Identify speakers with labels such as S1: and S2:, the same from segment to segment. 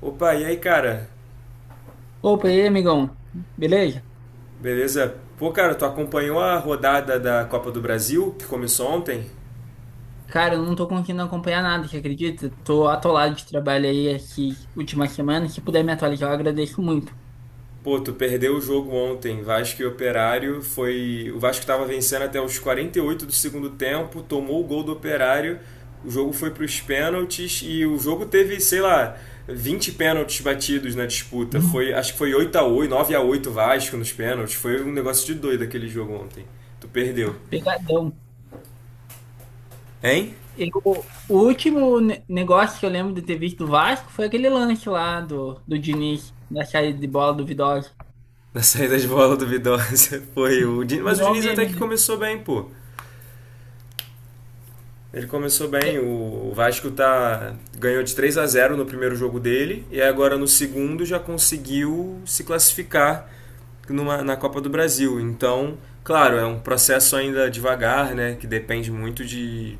S1: Opa, e aí, cara?
S2: Opa, e aí, amigão? Beleza?
S1: Beleza? Pô, cara, tu acompanhou a rodada da Copa do Brasil, que começou ontem?
S2: Cara, eu não tô conseguindo acompanhar nada, você acredita? Tô atolado de trabalho aí aqui última semana. Se puder me atualizar, eu agradeço muito.
S1: Pô, tu perdeu o jogo ontem, Vasco e Operário, foi... O Vasco tava vencendo até os 48 do segundo tempo, tomou o gol do Operário, o jogo foi pros pênaltis e o jogo teve, sei lá, 20 pênaltis batidos na disputa.
S2: Hum.
S1: Foi, acho que foi 8 a 8, 9 a 8 Vasco nos pênaltis. Foi um negócio de doido aquele jogo ontem. Tu perdeu.
S2: Pegadão.
S1: Hein?
S2: O último negócio que eu lembro de ter visto do Vasco foi aquele lance lá do Diniz, da saída de bola duvidosa.
S1: Na saída de bola duvidosa foi o Diniz. Mas o
S2: Virou
S1: Diniz até
S2: meme,
S1: que
S2: né?
S1: começou bem, pô. Ele começou
S2: É,
S1: bem, o Vasco tá ganhou de 3 a zero no primeiro jogo dele e agora no segundo já conseguiu se classificar numa, na Copa do Brasil. Então, claro, é um processo ainda devagar, né, que depende muito de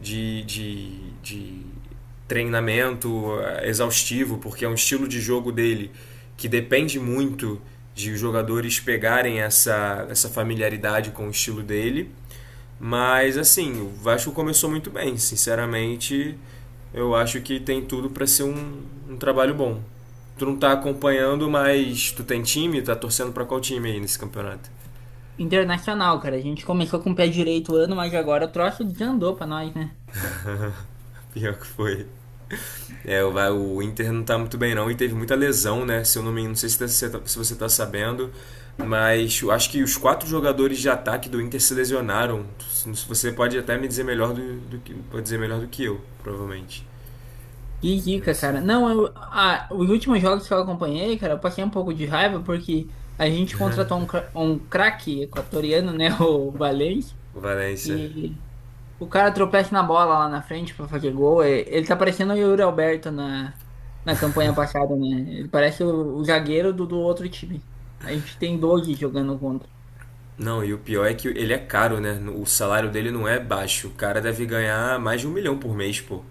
S1: de, de, de treinamento exaustivo, porque é um estilo de jogo dele que depende muito de os jogadores pegarem essa, essa familiaridade com o estilo dele. Mas assim, o Vasco começou muito bem, sinceramente, eu acho que tem tudo para ser um, um trabalho bom. Tu não tá acompanhando, mas tu tem time, tá torcendo para qual time aí nesse campeonato?
S2: Internacional, cara. A gente começou com o pé direito o ano, mas agora o troço desandou pra nós, né?
S1: Pior que foi. É, o Inter não tá muito bem não e teve muita lesão, né? Se eu não me, não sei se, você tá sabendo, mas eu acho que os quatro jogadores de ataque do Inter se lesionaram. Você pode até me dizer melhor do que pode dizer melhor do que eu, provavelmente.
S2: Que
S1: Eu não
S2: dica,
S1: sei.
S2: cara. Não, os últimos jogos que eu acompanhei, cara, eu passei um pouco de raiva porque a gente contratou um craque equatoriano, né, o Valencia,
S1: O Valencia.
S2: e o cara tropeça na bola lá na frente pra fazer gol. Ele tá parecendo o Yuri Alberto na campanha passada, né? Ele parece o zagueiro do outro time. A gente tem 12 jogando contra.
S1: Não, e o pior é que ele é caro, né? O salário dele não é baixo. O cara deve ganhar mais de um milhão por mês, pô.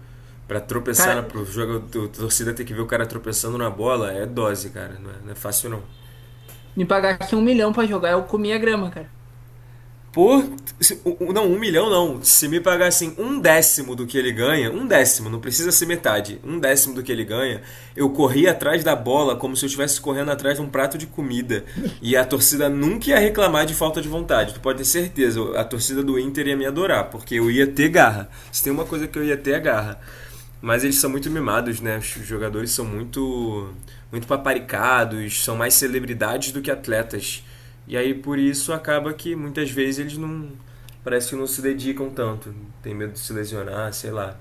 S1: Pra tropeçar
S2: Cara,
S1: na, pro jogo, a torcida ter que ver o cara tropeçando na bola é dose, cara. Não é fácil não.
S2: me pagasse 1 milhão pra jogar, eu comia grama, cara.
S1: Por. Não, um milhão não. Se me pagassem um décimo do que ele ganha, um décimo, não precisa ser metade, um décimo do que ele ganha, eu corria atrás da bola como se eu estivesse correndo atrás de um prato de comida. E a torcida nunca ia reclamar de falta de vontade. Tu pode ter certeza, a torcida do Inter ia me adorar, porque eu ia ter garra. Se tem uma coisa que eu ia ter é garra. Mas eles são muito mimados, né? Os jogadores são muito, muito paparicados, são mais celebridades do que atletas. E aí por isso acaba que muitas vezes eles não. Parece que não se dedicam tanto. Tem medo de se lesionar, sei lá.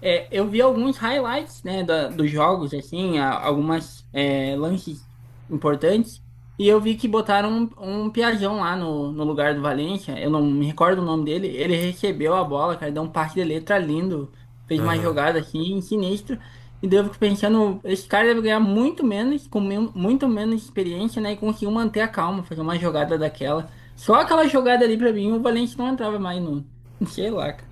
S2: É, eu vi alguns highlights, né, dos jogos, assim, lances importantes, e eu vi que botaram um Piazão lá no lugar do Valencia, eu não me recordo o nome dele, ele recebeu a bola, cara, deu um passe de letra lindo, fez uma jogada, assim, sinistra, e daí eu fico pensando, esse cara deve ganhar muito menos, muito menos experiência, né, e conseguiu manter a calma, fazer uma jogada daquela. Só aquela jogada ali, pra mim, o Valencia não entrava mais no... Sei lá, cara.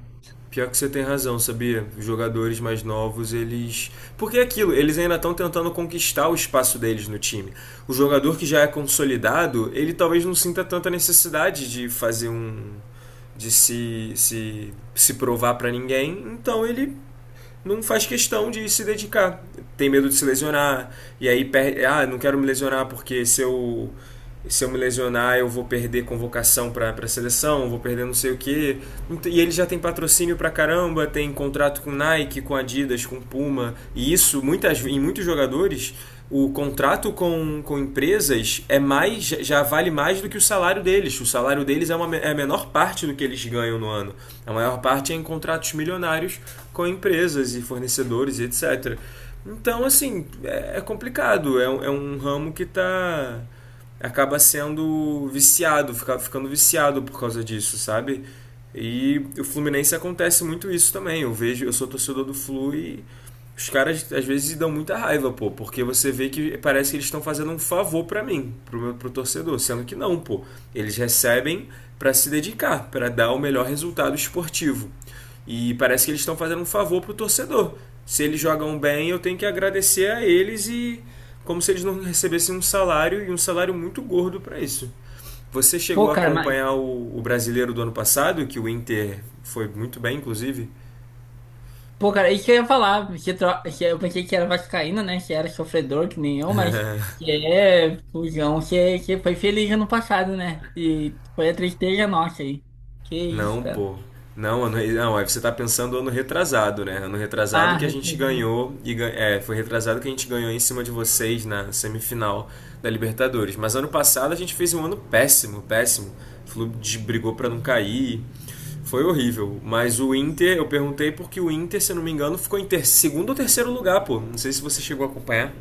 S1: Pior que você tem razão, sabia? Os jogadores mais novos, eles. Porque é aquilo, eles ainda estão tentando conquistar o espaço deles no time. O jogador que já é consolidado, ele talvez não sinta tanta necessidade de fazer um. De se provar pra ninguém, então ele não faz questão de se dedicar. Tem medo de se lesionar, e aí perde. Ah, não quero me lesionar porque se eu me lesionar eu vou perder convocação para a seleção, vou perder não sei o que E ele já tem patrocínio pra caramba, tem contrato com Nike, com Adidas, com Puma, e isso muitas, em muitos jogadores o contrato com empresas é mais já vale mais do que o salário deles. O salário deles é, uma, é a menor parte do que eles ganham no ano. A maior parte é em contratos milionários com empresas e fornecedores e etc. Então, assim, é complicado. É um ramo que tá acaba sendo viciado, fica, ficando viciado por causa disso, sabe? E o Fluminense acontece muito isso também. Eu vejo, eu sou torcedor do Flu e os caras às vezes dão muita raiva, pô, porque você vê que parece que eles estão fazendo um favor pra mim, pro torcedor, sendo que não, pô. Eles recebem pra se dedicar, pra dar o melhor resultado esportivo. E parece que eles estão fazendo um favor pro torcedor. Se eles jogam bem, eu tenho que agradecer a eles e como se eles não recebessem um salário e um salário muito gordo pra isso. Você chegou
S2: Pô,
S1: a
S2: cara, mas...
S1: acompanhar o brasileiro do ano passado, que o Inter foi muito bem, inclusive?
S2: Pô, cara, isso que eu ia falar, que eu pensei que era vascaíno, né? Que era sofredor, que nem eu, mas que é fujão, que foi feliz ano passado, né? E foi a tristeza nossa aí. Que isso,
S1: Não,
S2: cara.
S1: pô. Não, ano, não, aí você tá pensando ano retrasado, né? Ano retrasado
S2: Ah,
S1: que a gente
S2: retrasado.
S1: ganhou e é, foi retrasado que a gente ganhou em cima de vocês na semifinal da Libertadores. Mas ano passado a gente fez um ano péssimo, péssimo. O clube brigou pra não cair. Foi horrível. Mas o Inter, eu perguntei porque o Inter, se eu não me engano, ficou em segundo ou terceiro lugar, pô. Não sei se você chegou a acompanhar.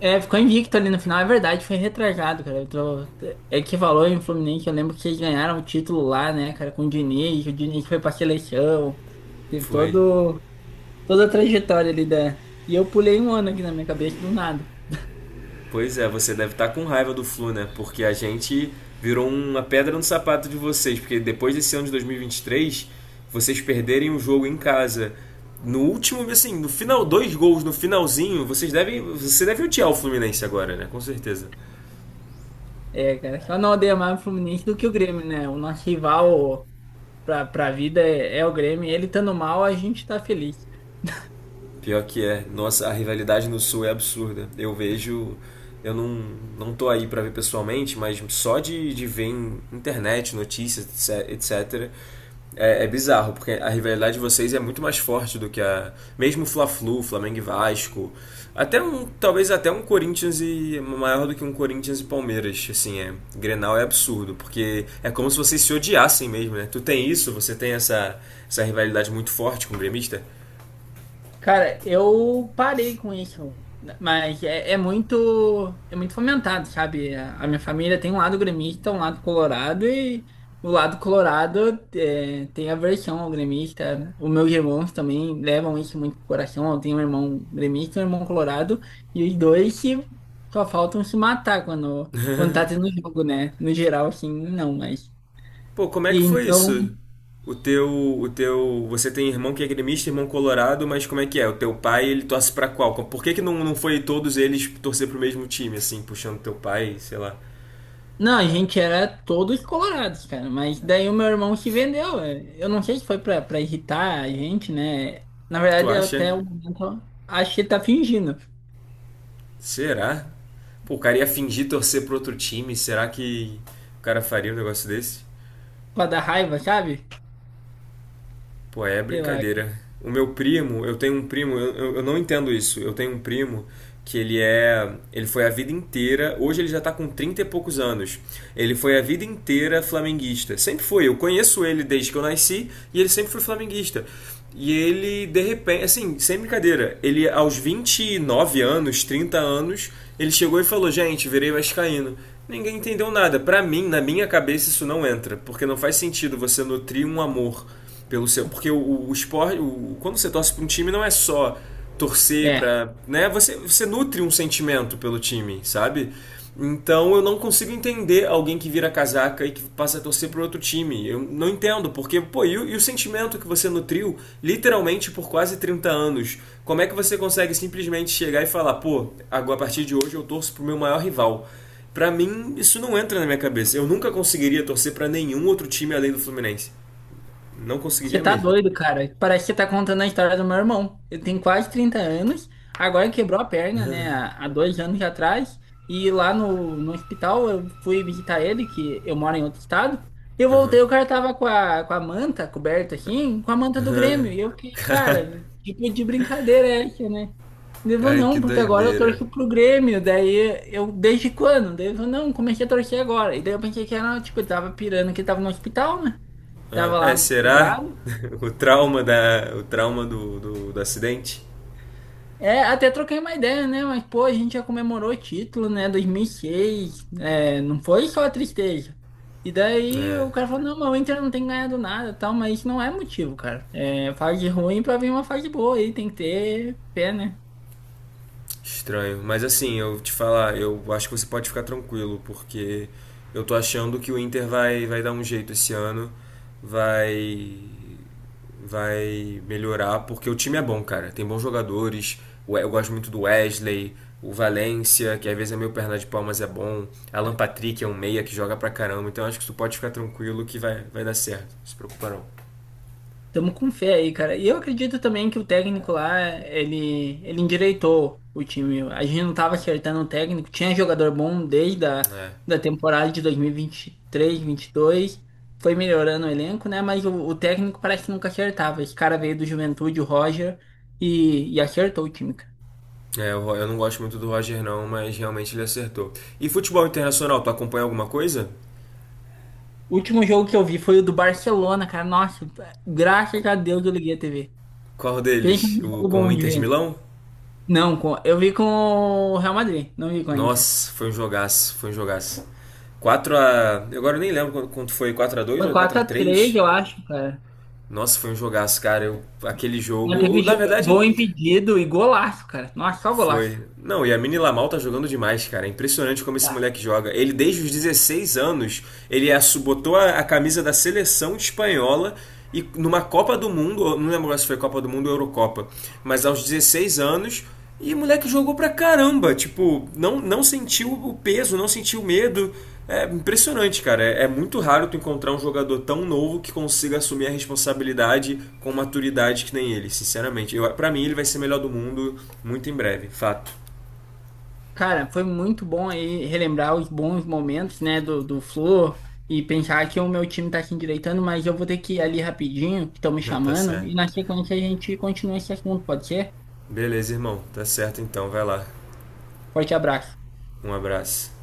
S2: É, ficou invicto ali no final, é verdade, foi retrasado, cara. Eu tô... É que valor em Fluminense, eu lembro que eles ganharam o título lá, né, cara, com o Diniz foi pra seleção, teve
S1: Foi.
S2: todo... toda a trajetória ali da... E eu pulei um ano aqui na minha cabeça do nada.
S1: Pois é, você deve estar com raiva do Flu, né? Porque a gente virou uma pedra no sapato de vocês, porque depois desse ano de 2023, vocês perderem o jogo em casa. No último, assim, no final, dois gols no finalzinho, vocês devem, você deve odiar o Fluminense agora, né? Com certeza.
S2: É, cara, só não odeia mais o Fluminense do que o Grêmio, né? O nosso rival pra vida é o Grêmio. Ele estando mal, a gente tá feliz.
S1: Pior que é. Nossa, a rivalidade no Sul é absurda. Eu vejo. Eu não, não tô aí pra ver pessoalmente, mas só de ver em internet, notícias, etc. É, é bizarro, porque a rivalidade de vocês é muito mais forte do que a. Mesmo Fla-Flu, Flamengo e Vasco. Até um. Talvez até um Corinthians e. Maior do que um Corinthians e Palmeiras. Assim, é. Grenal é absurdo, porque é como se vocês se odiassem mesmo, né? Tu tem isso, você tem essa, essa rivalidade muito forte com o gremista?
S2: Cara, eu parei com isso, né, mas é muito fomentado, sabe? A minha família tem um lado gremista, um lado colorado e o lado colorado tem aversão ao gremista. Os meus irmãos também levam isso muito pro coração. Eu tenho um irmão gremista e um irmão colorado e os dois só faltam se matar quando tá tendo jogo, né? No geral, assim, não, mas
S1: Pô, como é
S2: e
S1: que foi
S2: então.
S1: isso? O teu, o teu, você tem irmão que é gremista, irmão colorado, mas como é que é? O teu pai, ele torce pra qual? Por que que não, não foi todos eles torcer pro mesmo time, assim, puxando teu pai, sei lá?
S2: Não, a gente era todos colorados, cara. Mas daí o meu irmão se vendeu. É. Eu não sei se foi pra irritar a gente, né? Na
S1: Tu
S2: verdade, eu
S1: acha?
S2: até o momento acho que tá fingindo.
S1: Será? Pô, o cara ia fingir torcer pro outro time, será que o cara faria um negócio desse?
S2: Pra dar raiva, sabe?
S1: Pô, é
S2: Sei lá.
S1: brincadeira. O meu primo, eu tenho um primo, eu não entendo isso. Eu tenho um primo que ele é, ele foi a vida inteira, hoje ele já tá com 30 e poucos anos. Ele foi a vida inteira flamenguista. Sempre foi, eu conheço ele desde que eu nasci e ele sempre foi flamenguista. E ele, de repente, assim, sem brincadeira, ele aos 29 anos, 30 anos, ele chegou e falou: "Gente, virei vascaíno". Ninguém entendeu nada. Pra mim, na minha cabeça, isso não entra, porque não faz sentido você nutrir um amor pelo seu, porque o esporte, quando você torce para um time não é só torcer
S2: É.
S1: para, né? Você nutre um sentimento pelo time, sabe? Então eu não consigo entender alguém que vira casaca e que passa a torcer para outro time. Eu não entendo, porque, pô, e o sentimento que você nutriu literalmente por quase 30 anos? Como é que você consegue simplesmente chegar e falar, pô, agora a partir de hoje eu torço pro meu maior rival? Pra mim, isso não entra na minha cabeça. Eu nunca conseguiria torcer pra nenhum outro time além do Fluminense. Não
S2: Você
S1: conseguiria
S2: tá
S1: mesmo.
S2: doido, cara. Parece que você tá contando a história do meu irmão. Ele tem quase 30 anos, agora quebrou a perna, né, há 2 anos atrás. E lá no hospital eu fui visitar ele, que eu moro em outro estado. Eu voltei, o cara tava com a manta coberta assim, com a manta do Grêmio. E eu fiquei, cara, tipo de brincadeira é essa, né? Devo
S1: Cara, que
S2: não, porque agora eu
S1: doideira.
S2: torço pro Grêmio. Daí eu, desde quando? Devo não, comecei a torcer agora. E daí eu pensei que era, tipo, eu tava pirando que ele tava no hospital, né?
S1: Ah,
S2: Tava
S1: é,
S2: lá
S1: será
S2: quebrado.
S1: o trauma da, o trauma do acidente?
S2: É, até troquei uma ideia, né? Mas, pô, a gente já comemorou o título, né? 2006. É, não foi só a tristeza. E daí
S1: É,
S2: o cara falou, não, mas o Inter não tem ganhado nada e tal, mas isso não é motivo, cara. É, fase ruim pra vir uma fase boa aí, tem que ter pé, né?
S1: estranho. Mas assim, eu te falar, eu acho que você pode ficar tranquilo, porque eu tô achando que o Inter vai dar um jeito esse ano, vai vai melhorar, porque o time é bom, cara. Tem bons jogadores. Eu gosto muito do Wesley, o Valencia que às vezes é meio perna de pau, mas é bom. Alan Patrick é um meia que joga pra caramba. Então acho que tu pode ficar tranquilo que vai dar certo. Não se preocupa não.
S2: Tamo com fé aí, cara. E eu acredito também que o técnico lá, ele endireitou o time. A gente não tava acertando o técnico. Tinha jogador bom desde a
S1: É.
S2: da temporada de dois mil e vinte três, vinte e dois. Foi melhorando o elenco, né? Mas o técnico parece que nunca acertava. Esse cara veio do Juventude, o Roger, e acertou o time, cara.
S1: É, eu não gosto muito do Roger não, mas realmente ele acertou. E futebol internacional, tu acompanha alguma coisa?
S2: O último jogo que eu vi foi o do Barcelona, cara. Nossa, graças
S1: Qu-
S2: a Deus eu liguei a TV.
S1: Qual
S2: Pensa
S1: deles?
S2: num
S1: O
S2: jogo
S1: com o
S2: bom de
S1: Inter de
S2: ver.
S1: Milão?
S2: Não, eu vi com o Real Madrid, não vi com a Inter.
S1: Nossa, foi um jogaço, foi um jogaço. Quatro a, agora eu nem lembro quanto foi, 4 a 2
S2: Foi
S1: ou 4 a
S2: 4-3,
S1: três.
S2: eu acho, cara.
S1: Nossa, foi um jogaço, cara. Eu, aquele
S2: Mas
S1: jogo.
S2: teve
S1: Na verdade,
S2: gol impedido e golaço, cara. Nossa, só golaço.
S1: foi. Não, e a Mini Lamal tá jogando demais, cara. É impressionante como esse
S2: Tá.
S1: moleque joga. Ele, desde os 16 anos, ele botou a camisa da seleção espanhola e numa Copa do Mundo, não lembro se foi Copa do Mundo ou Eurocopa, mas aos 16 anos. E o moleque jogou pra caramba, tipo, não sentiu o peso, não sentiu o medo. É impressionante, cara. É, é muito raro tu encontrar um jogador tão novo que consiga assumir a responsabilidade com maturidade que nem ele, sinceramente. Pra mim, ele vai ser melhor do mundo muito em breve, fato.
S2: Cara, foi muito bom aí relembrar os bons momentos, né, do Flu e pensar que o meu time tá se endireitando, mas eu vou ter que ir ali rapidinho, que estão me
S1: Tá
S2: chamando, e
S1: certo.
S2: na sequência a gente continua esse assunto, pode ser?
S1: Beleza, irmão. Tá certo então, vai lá.
S2: Forte abraço.
S1: Um abraço.